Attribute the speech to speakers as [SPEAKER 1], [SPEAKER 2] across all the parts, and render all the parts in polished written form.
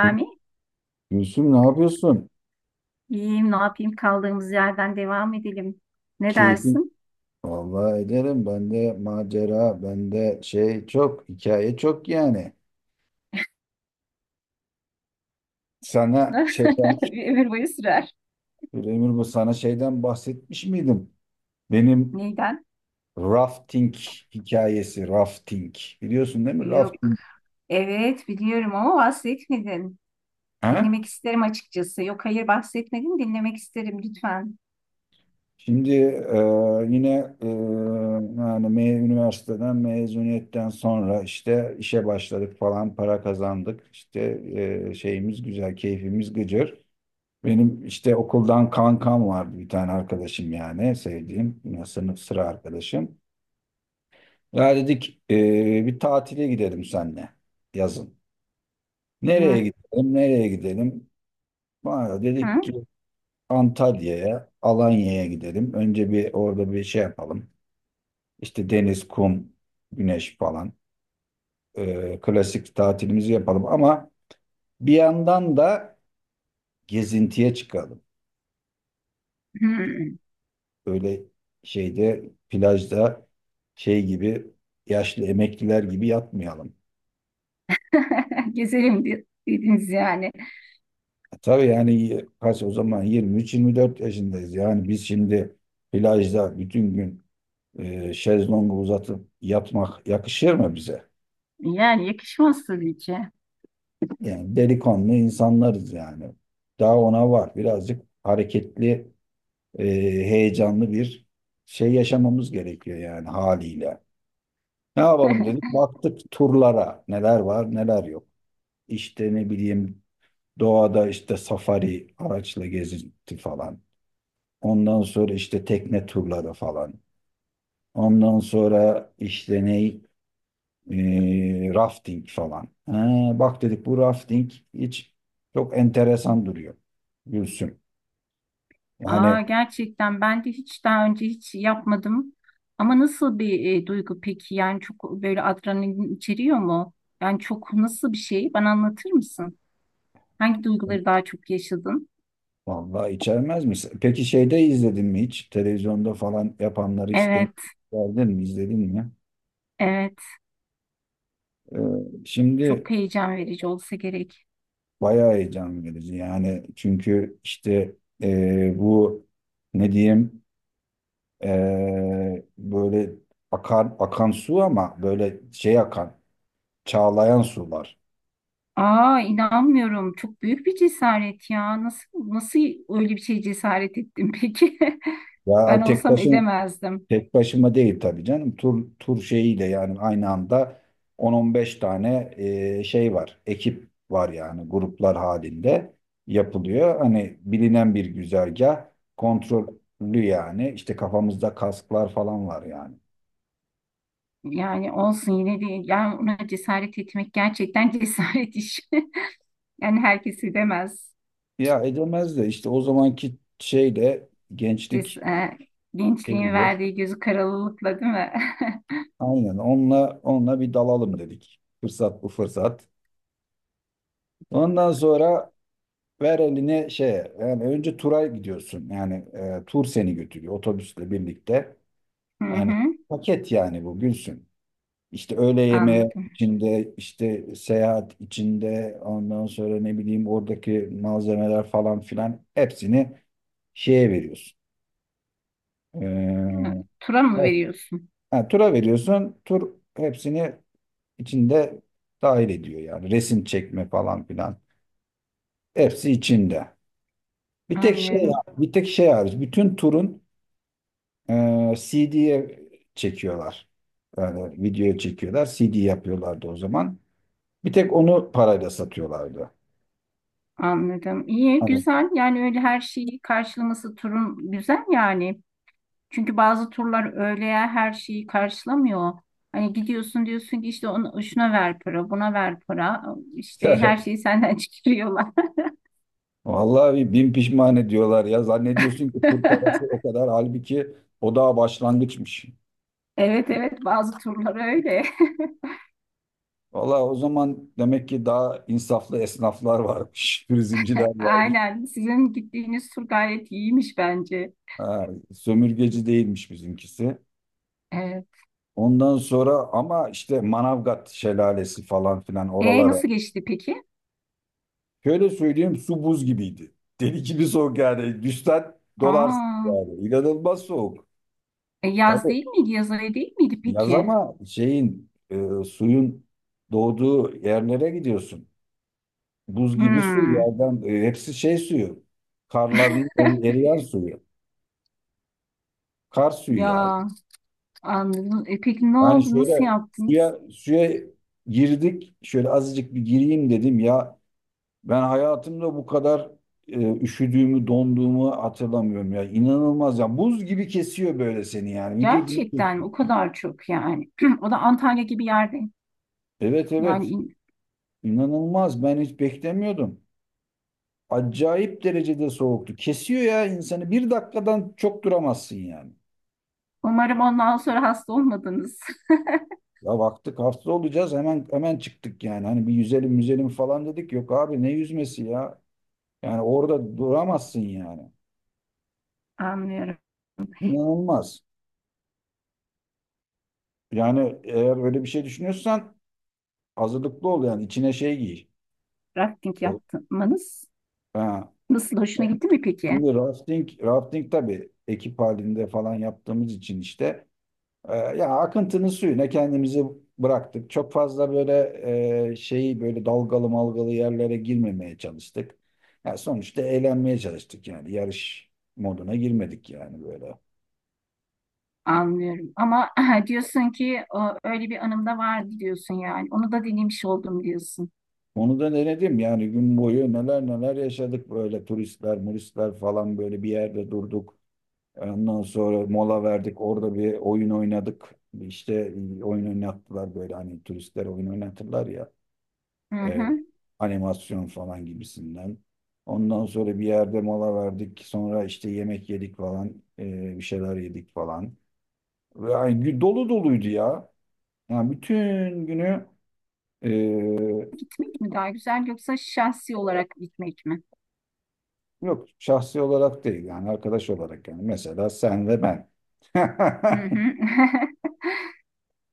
[SPEAKER 1] Gül- Gülsüm ne yapıyorsun?
[SPEAKER 2] iyiyim, ne yapayım? Kaldığımız yerden devam edelim. Ne
[SPEAKER 1] Keyfin.
[SPEAKER 2] dersin?
[SPEAKER 1] Vallahi ederim. Bende macera, bende şey çok, hikaye çok yani. Sana şeyden,
[SPEAKER 2] Bir ömür boyu sürer.
[SPEAKER 1] Emir, bu sana şeyden bahsetmiş miydim? Benim
[SPEAKER 2] Neyden?
[SPEAKER 1] rafting hikayesi, rafting. Biliyorsun, değil mi?
[SPEAKER 2] Yok.
[SPEAKER 1] Rafting.
[SPEAKER 2] Evet, biliyorum ama bahsetmedin.
[SPEAKER 1] Ha?
[SPEAKER 2] Dinlemek isterim açıkçası. Yok, hayır bahsetmedin. Dinlemek isterim lütfen.
[SPEAKER 1] Şimdi yine e, yani üniversiteden, mezuniyetten sonra işte işe başladık falan, para kazandık. İşte şeyimiz güzel, keyfimiz gıcır. Benim işte okuldan kankam vardı, bir tane arkadaşım yani, sevdiğim ya, sınıf sıra arkadaşım. Ya dedik bir tatile gidelim seninle yazın.
[SPEAKER 2] Hı
[SPEAKER 1] Nereye gidelim, nereye gidelim? Bana dedik
[SPEAKER 2] hı.
[SPEAKER 1] ki Antalya'ya, Alanya'ya gidelim. Önce bir orada bir şey yapalım. İşte deniz, kum, güneş falan. Klasik tatilimizi yapalım ama bir yandan da gezintiye çıkalım.
[SPEAKER 2] hı.
[SPEAKER 1] Öyle şeyde, plajda, şey gibi, yaşlı emekliler gibi yatmayalım.
[SPEAKER 2] Gezelim dediniz yani.
[SPEAKER 1] Tabii yani, kaç o zaman, 23-24 yaşındayız. Yani biz şimdi plajda bütün gün şezlongu uzatıp yatmak yakışır mı bize?
[SPEAKER 2] Yani yakışmaz tabii ki.
[SPEAKER 1] Yani delikanlı insanlarız yani. Daha ona var. Birazcık hareketli, e, heyecanlı bir şey yaşamamız gerekiyor yani, haliyle. Ne yapalım dedik. Baktık turlara. Neler var, neler yok. İşte, ne bileyim, doğada işte safari araçla gezinti falan. Ondan sonra işte tekne turları falan. Ondan sonra işte ne, rafting falan. Ha, bak dedik, bu rafting hiç çok enteresan duruyor. Gülsüm. Yani
[SPEAKER 2] Aa, gerçekten ben de hiç daha önce hiç yapmadım. Ama nasıl bir duygu peki? Yani çok böyle adrenalin içeriyor mu? Yani çok nasıl bir şey? Bana anlatır mısın? Hangi duyguları daha çok yaşadın?
[SPEAKER 1] vallahi içermez misin? Peki şeyde, izledin mi hiç? Televizyonda falan yapanları hiç denk
[SPEAKER 2] Evet,
[SPEAKER 1] geldin mi? İzledin mi?
[SPEAKER 2] evet.
[SPEAKER 1] Ee,
[SPEAKER 2] Çok
[SPEAKER 1] Şimdi
[SPEAKER 2] heyecan verici olsa gerek.
[SPEAKER 1] bayağı heyecan verici yani, çünkü işte bu, ne diyeyim, böyle akan akan su ama böyle şey akan, çağlayan sular.
[SPEAKER 2] Aa, inanmıyorum. Çok büyük bir cesaret ya. Nasıl öyle bir şey cesaret ettin peki? Ben
[SPEAKER 1] Ya tek
[SPEAKER 2] olsam
[SPEAKER 1] başına,
[SPEAKER 2] edemezdim.
[SPEAKER 1] tek başıma değil tabii canım, tur tur şeyiyle yani, aynı anda 10-15 tane şey var, ekip var yani, gruplar halinde yapılıyor. Hani, bilinen bir güzergah, kontrollü yani, işte kafamızda kasklar falan var yani.
[SPEAKER 2] Yani olsun yine de yani ona cesaret etmek gerçekten cesaret işi. Yani herkesi demez.
[SPEAKER 1] Ya edemez de işte o zamanki şeyle,
[SPEAKER 2] Ces
[SPEAKER 1] gençlik
[SPEAKER 2] e, Gençliğin
[SPEAKER 1] şeyiyle,
[SPEAKER 2] verdiği gözü karalılıkla değil mi?
[SPEAKER 1] aynen onunla, bir dalalım dedik. Fırsat bu fırsat. Ondan sonra ver eline şeye yani, önce tura gidiyorsun. Yani tur seni götürüyor otobüsle birlikte.
[SPEAKER 2] Hı
[SPEAKER 1] Yani
[SPEAKER 2] hı,
[SPEAKER 1] paket yani bu, Gülsün. İşte öğle yemeği
[SPEAKER 2] anladım.
[SPEAKER 1] içinde, işte seyahat içinde, ondan sonra, ne bileyim, oradaki malzemeler falan filan, hepsini şeye veriyorsun. E,
[SPEAKER 2] Tura mı veriyorsun?
[SPEAKER 1] Ha, tura veriyorsun. Tur hepsini içinde dahil ediyor yani. Resim çekme falan filan. Hepsi içinde. Bir tek şey
[SPEAKER 2] Anlıyorum.
[SPEAKER 1] Bir tek şey hariç. Bütün turun CD'ye çekiyorlar. Yani videoya çekiyorlar. CD yapıyorlardı o zaman. Bir tek onu parayla satıyorlardı.
[SPEAKER 2] Anladım. İyi,
[SPEAKER 1] Hani,
[SPEAKER 2] güzel. Yani öyle her şeyi karşılaması turun güzel yani. Çünkü bazı turlar öyle ya, her şeyi karşılamıyor. Hani gidiyorsun diyorsun ki işte ona, şuna ver para, buna ver para. İşte her şeyi senden çıkarıyorlar.
[SPEAKER 1] vallahi bir bin pişman ediyorlar ya. Zannediyorsun ki tur parası o kadar. Halbuki o daha başlangıçmış.
[SPEAKER 2] Evet evet bazı turlar öyle.
[SPEAKER 1] Valla, o zaman demek ki daha insaflı esnaflar varmış, turizmciler varmış.
[SPEAKER 2] Aynen. Sizin gittiğiniz tur gayet iyiymiş bence.
[SPEAKER 1] Ha, sömürgeci değilmiş bizimkisi.
[SPEAKER 2] Evet.
[SPEAKER 1] Ondan sonra ama işte Manavgat şelalesi falan filan,
[SPEAKER 2] E
[SPEAKER 1] oralara.
[SPEAKER 2] nasıl geçti peki?
[SPEAKER 1] Şöyle söyleyeyim, su buz gibiydi. Deli gibi soğuk yani. Düşsen dolarsın
[SPEAKER 2] Aa,
[SPEAKER 1] yani. İnanılmaz soğuk. Tabii
[SPEAKER 2] yaz değil miydi? Yaz ayı değil miydi
[SPEAKER 1] yaz
[SPEAKER 2] peki?
[SPEAKER 1] ama şeyin, suyun doğduğu yerlere gidiyorsun. Buz gibi su
[SPEAKER 2] Hmm,
[SPEAKER 1] yerden, hepsi şey suyu. Karların eriyen suyu. Kar suyu yani.
[SPEAKER 2] ya anladım. E, peki ne
[SPEAKER 1] Yani
[SPEAKER 2] oldu? Nasıl
[SPEAKER 1] şöyle
[SPEAKER 2] yaptınız?
[SPEAKER 1] suya suya girdik. Şöyle azıcık bir gireyim dedim ya. Ben hayatımda bu kadar üşüdüğümü, donduğumu hatırlamıyorum ya. İnanılmaz ya. Buz gibi kesiyor böyle seni yani. Vücudunu
[SPEAKER 2] Gerçekten
[SPEAKER 1] kesiyor.
[SPEAKER 2] o kadar çok yani. O da Antalya gibi yerde.
[SPEAKER 1] Evet,
[SPEAKER 2] Yani
[SPEAKER 1] evet.
[SPEAKER 2] in-
[SPEAKER 1] İnanılmaz. Ben hiç beklemiyordum. Acayip derecede soğuktu. Kesiyor ya insanı. Bir dakikadan çok duramazsın yani.
[SPEAKER 2] Umarım ondan sonra hasta olmadınız.
[SPEAKER 1] Ya baktık hasta olacağız, hemen hemen çıktık yani. Hani bir yüzelim yüzelim falan dedik. Yok abi, ne yüzmesi ya. Yani orada duramazsın yani.
[SPEAKER 2] Anlıyorum.
[SPEAKER 1] İnanılmaz. Yani eğer öyle bir şey düşünüyorsan, hazırlıklı ol yani, içine şey giy.
[SPEAKER 2] Rafting
[SPEAKER 1] Evet.
[SPEAKER 2] yapmanız
[SPEAKER 1] Ha.
[SPEAKER 2] nasıl, hoşuna gitti mi peki?
[SPEAKER 1] Şimdi rafting, tabii ekip halinde falan yaptığımız için işte, ya akıntının suyuna kendimizi bıraktık. Çok fazla böyle şeyi, böyle dalgalı malgalı yerlere girmemeye çalıştık. Ya sonuçta eğlenmeye çalıştık yani, yarış moduna girmedik yani böyle.
[SPEAKER 2] Anlıyorum. Ama diyorsun ki o, öyle bir anım da vardı diyorsun yani. Onu da dinlemiş oldum diyorsun.
[SPEAKER 1] Onu da denedim yani, gün boyu neler neler yaşadık, böyle turistler, muristler falan, böyle bir yerde durduk. Ondan sonra mola verdik, orada bir oyun oynadık. İşte oyun oynattılar, böyle hani turistler oyun oynatırlar ya,
[SPEAKER 2] Hı
[SPEAKER 1] e,
[SPEAKER 2] hı.
[SPEAKER 1] animasyon falan gibisinden. Ondan sonra bir yerde mola verdik, sonra işte yemek yedik falan, bir şeyler yedik falan. Yani dolu doluydu ya. Yani bütün günü e,
[SPEAKER 2] Gitmek mi daha güzel yoksa şahsi olarak gitmek mi?
[SPEAKER 1] Yok, şahsi olarak değil yani, arkadaş olarak yani, mesela sen ve ben.
[SPEAKER 2] Hı hı.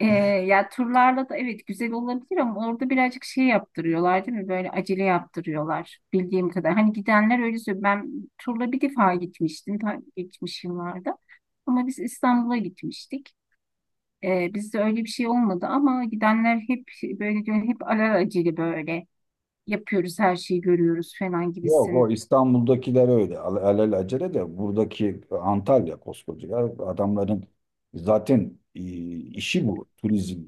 [SPEAKER 2] Ee, ya turlarla da evet güzel olabilir ama orada birazcık şey yaptırıyorlar değil mi? Böyle acele yaptırıyorlar bildiğim kadar. Hani gidenler öyle söylüyor. Ben turla bir defa gitmiştim ta geçmiş yıllarda. Ama biz İstanbul'a gitmiştik. Bizde öyle bir şey olmadı ama gidenler hep böyle diyor, hep alelacele böyle yapıyoruz her şeyi görüyoruz falan
[SPEAKER 1] Yok, o
[SPEAKER 2] gibisin.
[SPEAKER 1] İstanbul'dakiler öyle, alelacele, de buradaki Antalya koskoca ya. Adamların zaten işi bu, turizm.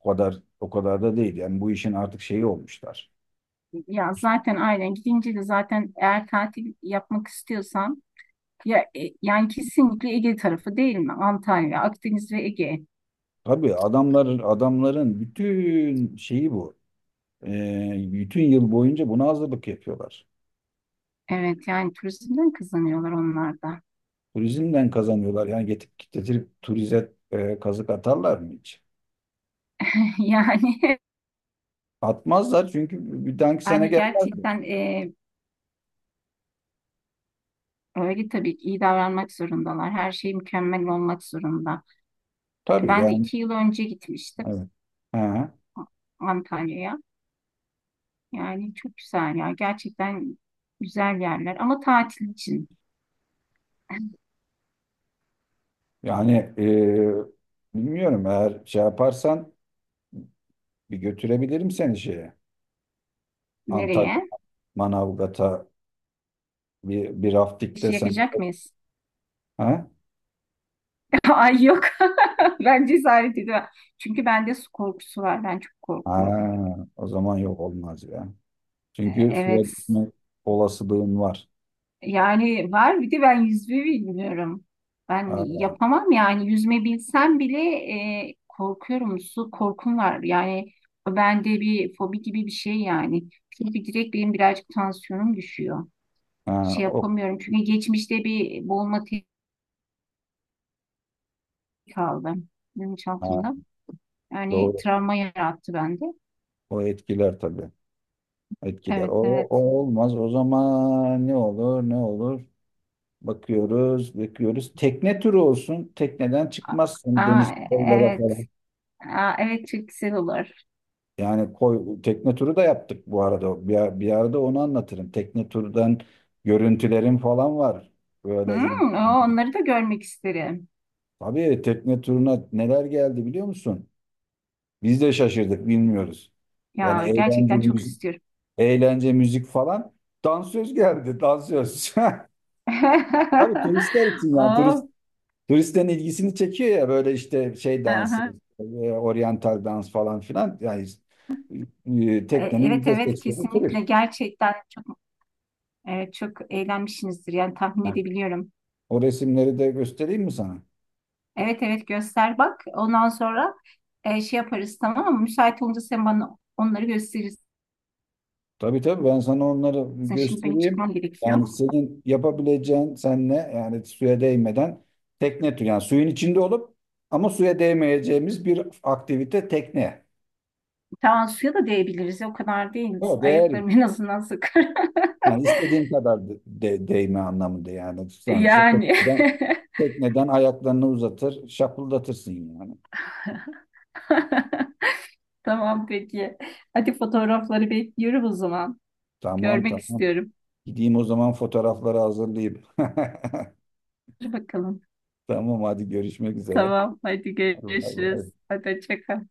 [SPEAKER 1] O kadar, o kadar da değil yani, bu işin artık şeyi olmuşlar.
[SPEAKER 2] Ya zaten aynen gidince de zaten eğer tatil yapmak istiyorsan ya, yani kesinlikle Ege tarafı değil mi? Antalya, Akdeniz ve Ege.
[SPEAKER 1] Tabii, adamların bütün şeyi bu. Bütün yıl boyunca buna hazırlık yapıyorlar.
[SPEAKER 2] Evet yani turizmden kazanıyorlar onlar da.
[SPEAKER 1] Turizmden kazanıyorlar yani, getirip getirip turize kazık atarlar mı hiç?
[SPEAKER 2] Yani
[SPEAKER 1] Atmazlar, çünkü bir dahaki sene
[SPEAKER 2] yani
[SPEAKER 1] gelmezler.
[SPEAKER 2] gerçekten öyle tabii ki iyi davranmak zorundalar. Her şey mükemmel olmak zorunda.
[SPEAKER 1] Tabii
[SPEAKER 2] Ben de
[SPEAKER 1] yani.
[SPEAKER 2] iki yıl önce gitmiştim
[SPEAKER 1] Evet. Ha.
[SPEAKER 2] Antalya'ya. Yani çok güzel ya. Gerçekten güzel yerler ama tatil için.
[SPEAKER 1] Yani bilmiyorum, eğer şey yaparsan, bir götürebilirim seni şeye. Antalya,
[SPEAKER 2] Nereye?
[SPEAKER 1] Manavgat'a, bir raftikte
[SPEAKER 2] İşi
[SPEAKER 1] sen.
[SPEAKER 2] yakacak mıyız?
[SPEAKER 1] Ha?
[SPEAKER 2] Ay yok. Ben cesaret edemem. Çünkü bende su korkusu var. Ben çok
[SPEAKER 1] Ha,
[SPEAKER 2] korkuyorum.
[SPEAKER 1] o zaman yok, olmaz ya.
[SPEAKER 2] E,
[SPEAKER 1] Çünkü
[SPEAKER 2] evet.
[SPEAKER 1] suya düşme olasılığın var.
[SPEAKER 2] Yani var, bir de ben yüzme bilmiyorum. Ben
[SPEAKER 1] Ha,
[SPEAKER 2] yapamam yani yüzme bilsem bile korkuyorum. Su korkum var. Yani bende bir fobi gibi bir şey yani. Çünkü direkt benim birazcık tansiyonum düşüyor.
[SPEAKER 1] ha,
[SPEAKER 2] Şey
[SPEAKER 1] o,
[SPEAKER 2] yapamıyorum. Çünkü geçmişte bir boğulma tehdidi aldım
[SPEAKER 1] ha,
[SPEAKER 2] bilinçaltımda. Yani
[SPEAKER 1] doğru.
[SPEAKER 2] travma yarattı bende.
[SPEAKER 1] O etkiler tabii. Etkiler.
[SPEAKER 2] Evet
[SPEAKER 1] O
[SPEAKER 2] evet.
[SPEAKER 1] olmaz. O zaman ne olur, ne olur? Bakıyoruz, bakıyoruz. Tekne turu olsun. Tekneden çıkmazsın, deniz
[SPEAKER 2] Aa,
[SPEAKER 1] koylara
[SPEAKER 2] evet.
[SPEAKER 1] falan.
[SPEAKER 2] Aa, evet çok güzel olur.
[SPEAKER 1] Yani koy, tekne turu da yaptık bu arada. Bir arada onu anlatırım. Tekne turdan görüntülerim falan var. Böyle il...
[SPEAKER 2] Hmm, o, onları da görmek isterim.
[SPEAKER 1] Tabii tekne turuna neler geldi, biliyor musun? Biz de şaşırdık, bilmiyoruz. Yani
[SPEAKER 2] Ya
[SPEAKER 1] eğlence
[SPEAKER 2] gerçekten çok
[SPEAKER 1] müzik,
[SPEAKER 2] istiyorum.
[SPEAKER 1] eğlence müzik falan. Dansöz geldi, dansöz. Tabii turistler için yani.
[SPEAKER 2] Oh,
[SPEAKER 1] Turistlerin ilgisini çekiyor ya, böyle işte şey dansı,
[SPEAKER 2] aha.
[SPEAKER 1] e, oryantal dans falan filan. Yani teknenin
[SPEAKER 2] Evet evet
[SPEAKER 1] %80'i
[SPEAKER 2] kesinlikle
[SPEAKER 1] turist.
[SPEAKER 2] gerçekten çok evet, çok eğlenmişsinizdir yani tahmin
[SPEAKER 1] Yani
[SPEAKER 2] edebiliyorum.
[SPEAKER 1] o resimleri de göstereyim mi sana?
[SPEAKER 2] Evet evet göster bak. Ondan sonra şey yaparız tamam mı? Müsait olunca sen bana onları gösterirsin.
[SPEAKER 1] Tabii tabii, ben sana onları
[SPEAKER 2] Şimdi benim
[SPEAKER 1] göstereyim.
[SPEAKER 2] çıkmam gerekiyor.
[SPEAKER 1] Yani senin yapabileceğin, senle yani, suya değmeden tekne turu. Yani suyun içinde olup ama suya değmeyeceğimiz bir aktivite, tekne.
[SPEAKER 2] Tamam suya da değebiliriz. O kadar değil.
[SPEAKER 1] O değer.
[SPEAKER 2] Ayaklarım en azından sıkır.
[SPEAKER 1] Yani istediğin kadar değme anlamında yani. Sonuçta
[SPEAKER 2] Yani.
[SPEAKER 1] tekneden ayaklarını uzatır, şapıldatırsın yani.
[SPEAKER 2] Tamam peki. Hadi fotoğrafları bekliyorum o zaman.
[SPEAKER 1] Tamam
[SPEAKER 2] Görmek
[SPEAKER 1] tamam.
[SPEAKER 2] istiyorum.
[SPEAKER 1] Gideyim o zaman, fotoğrafları hazırlayayım.
[SPEAKER 2] Hadi bakalım.
[SPEAKER 1] Tamam, hadi görüşmek üzere.
[SPEAKER 2] Tamam hadi
[SPEAKER 1] Bay
[SPEAKER 2] görüşürüz.
[SPEAKER 1] bay.
[SPEAKER 2] Hadi hoşça kal.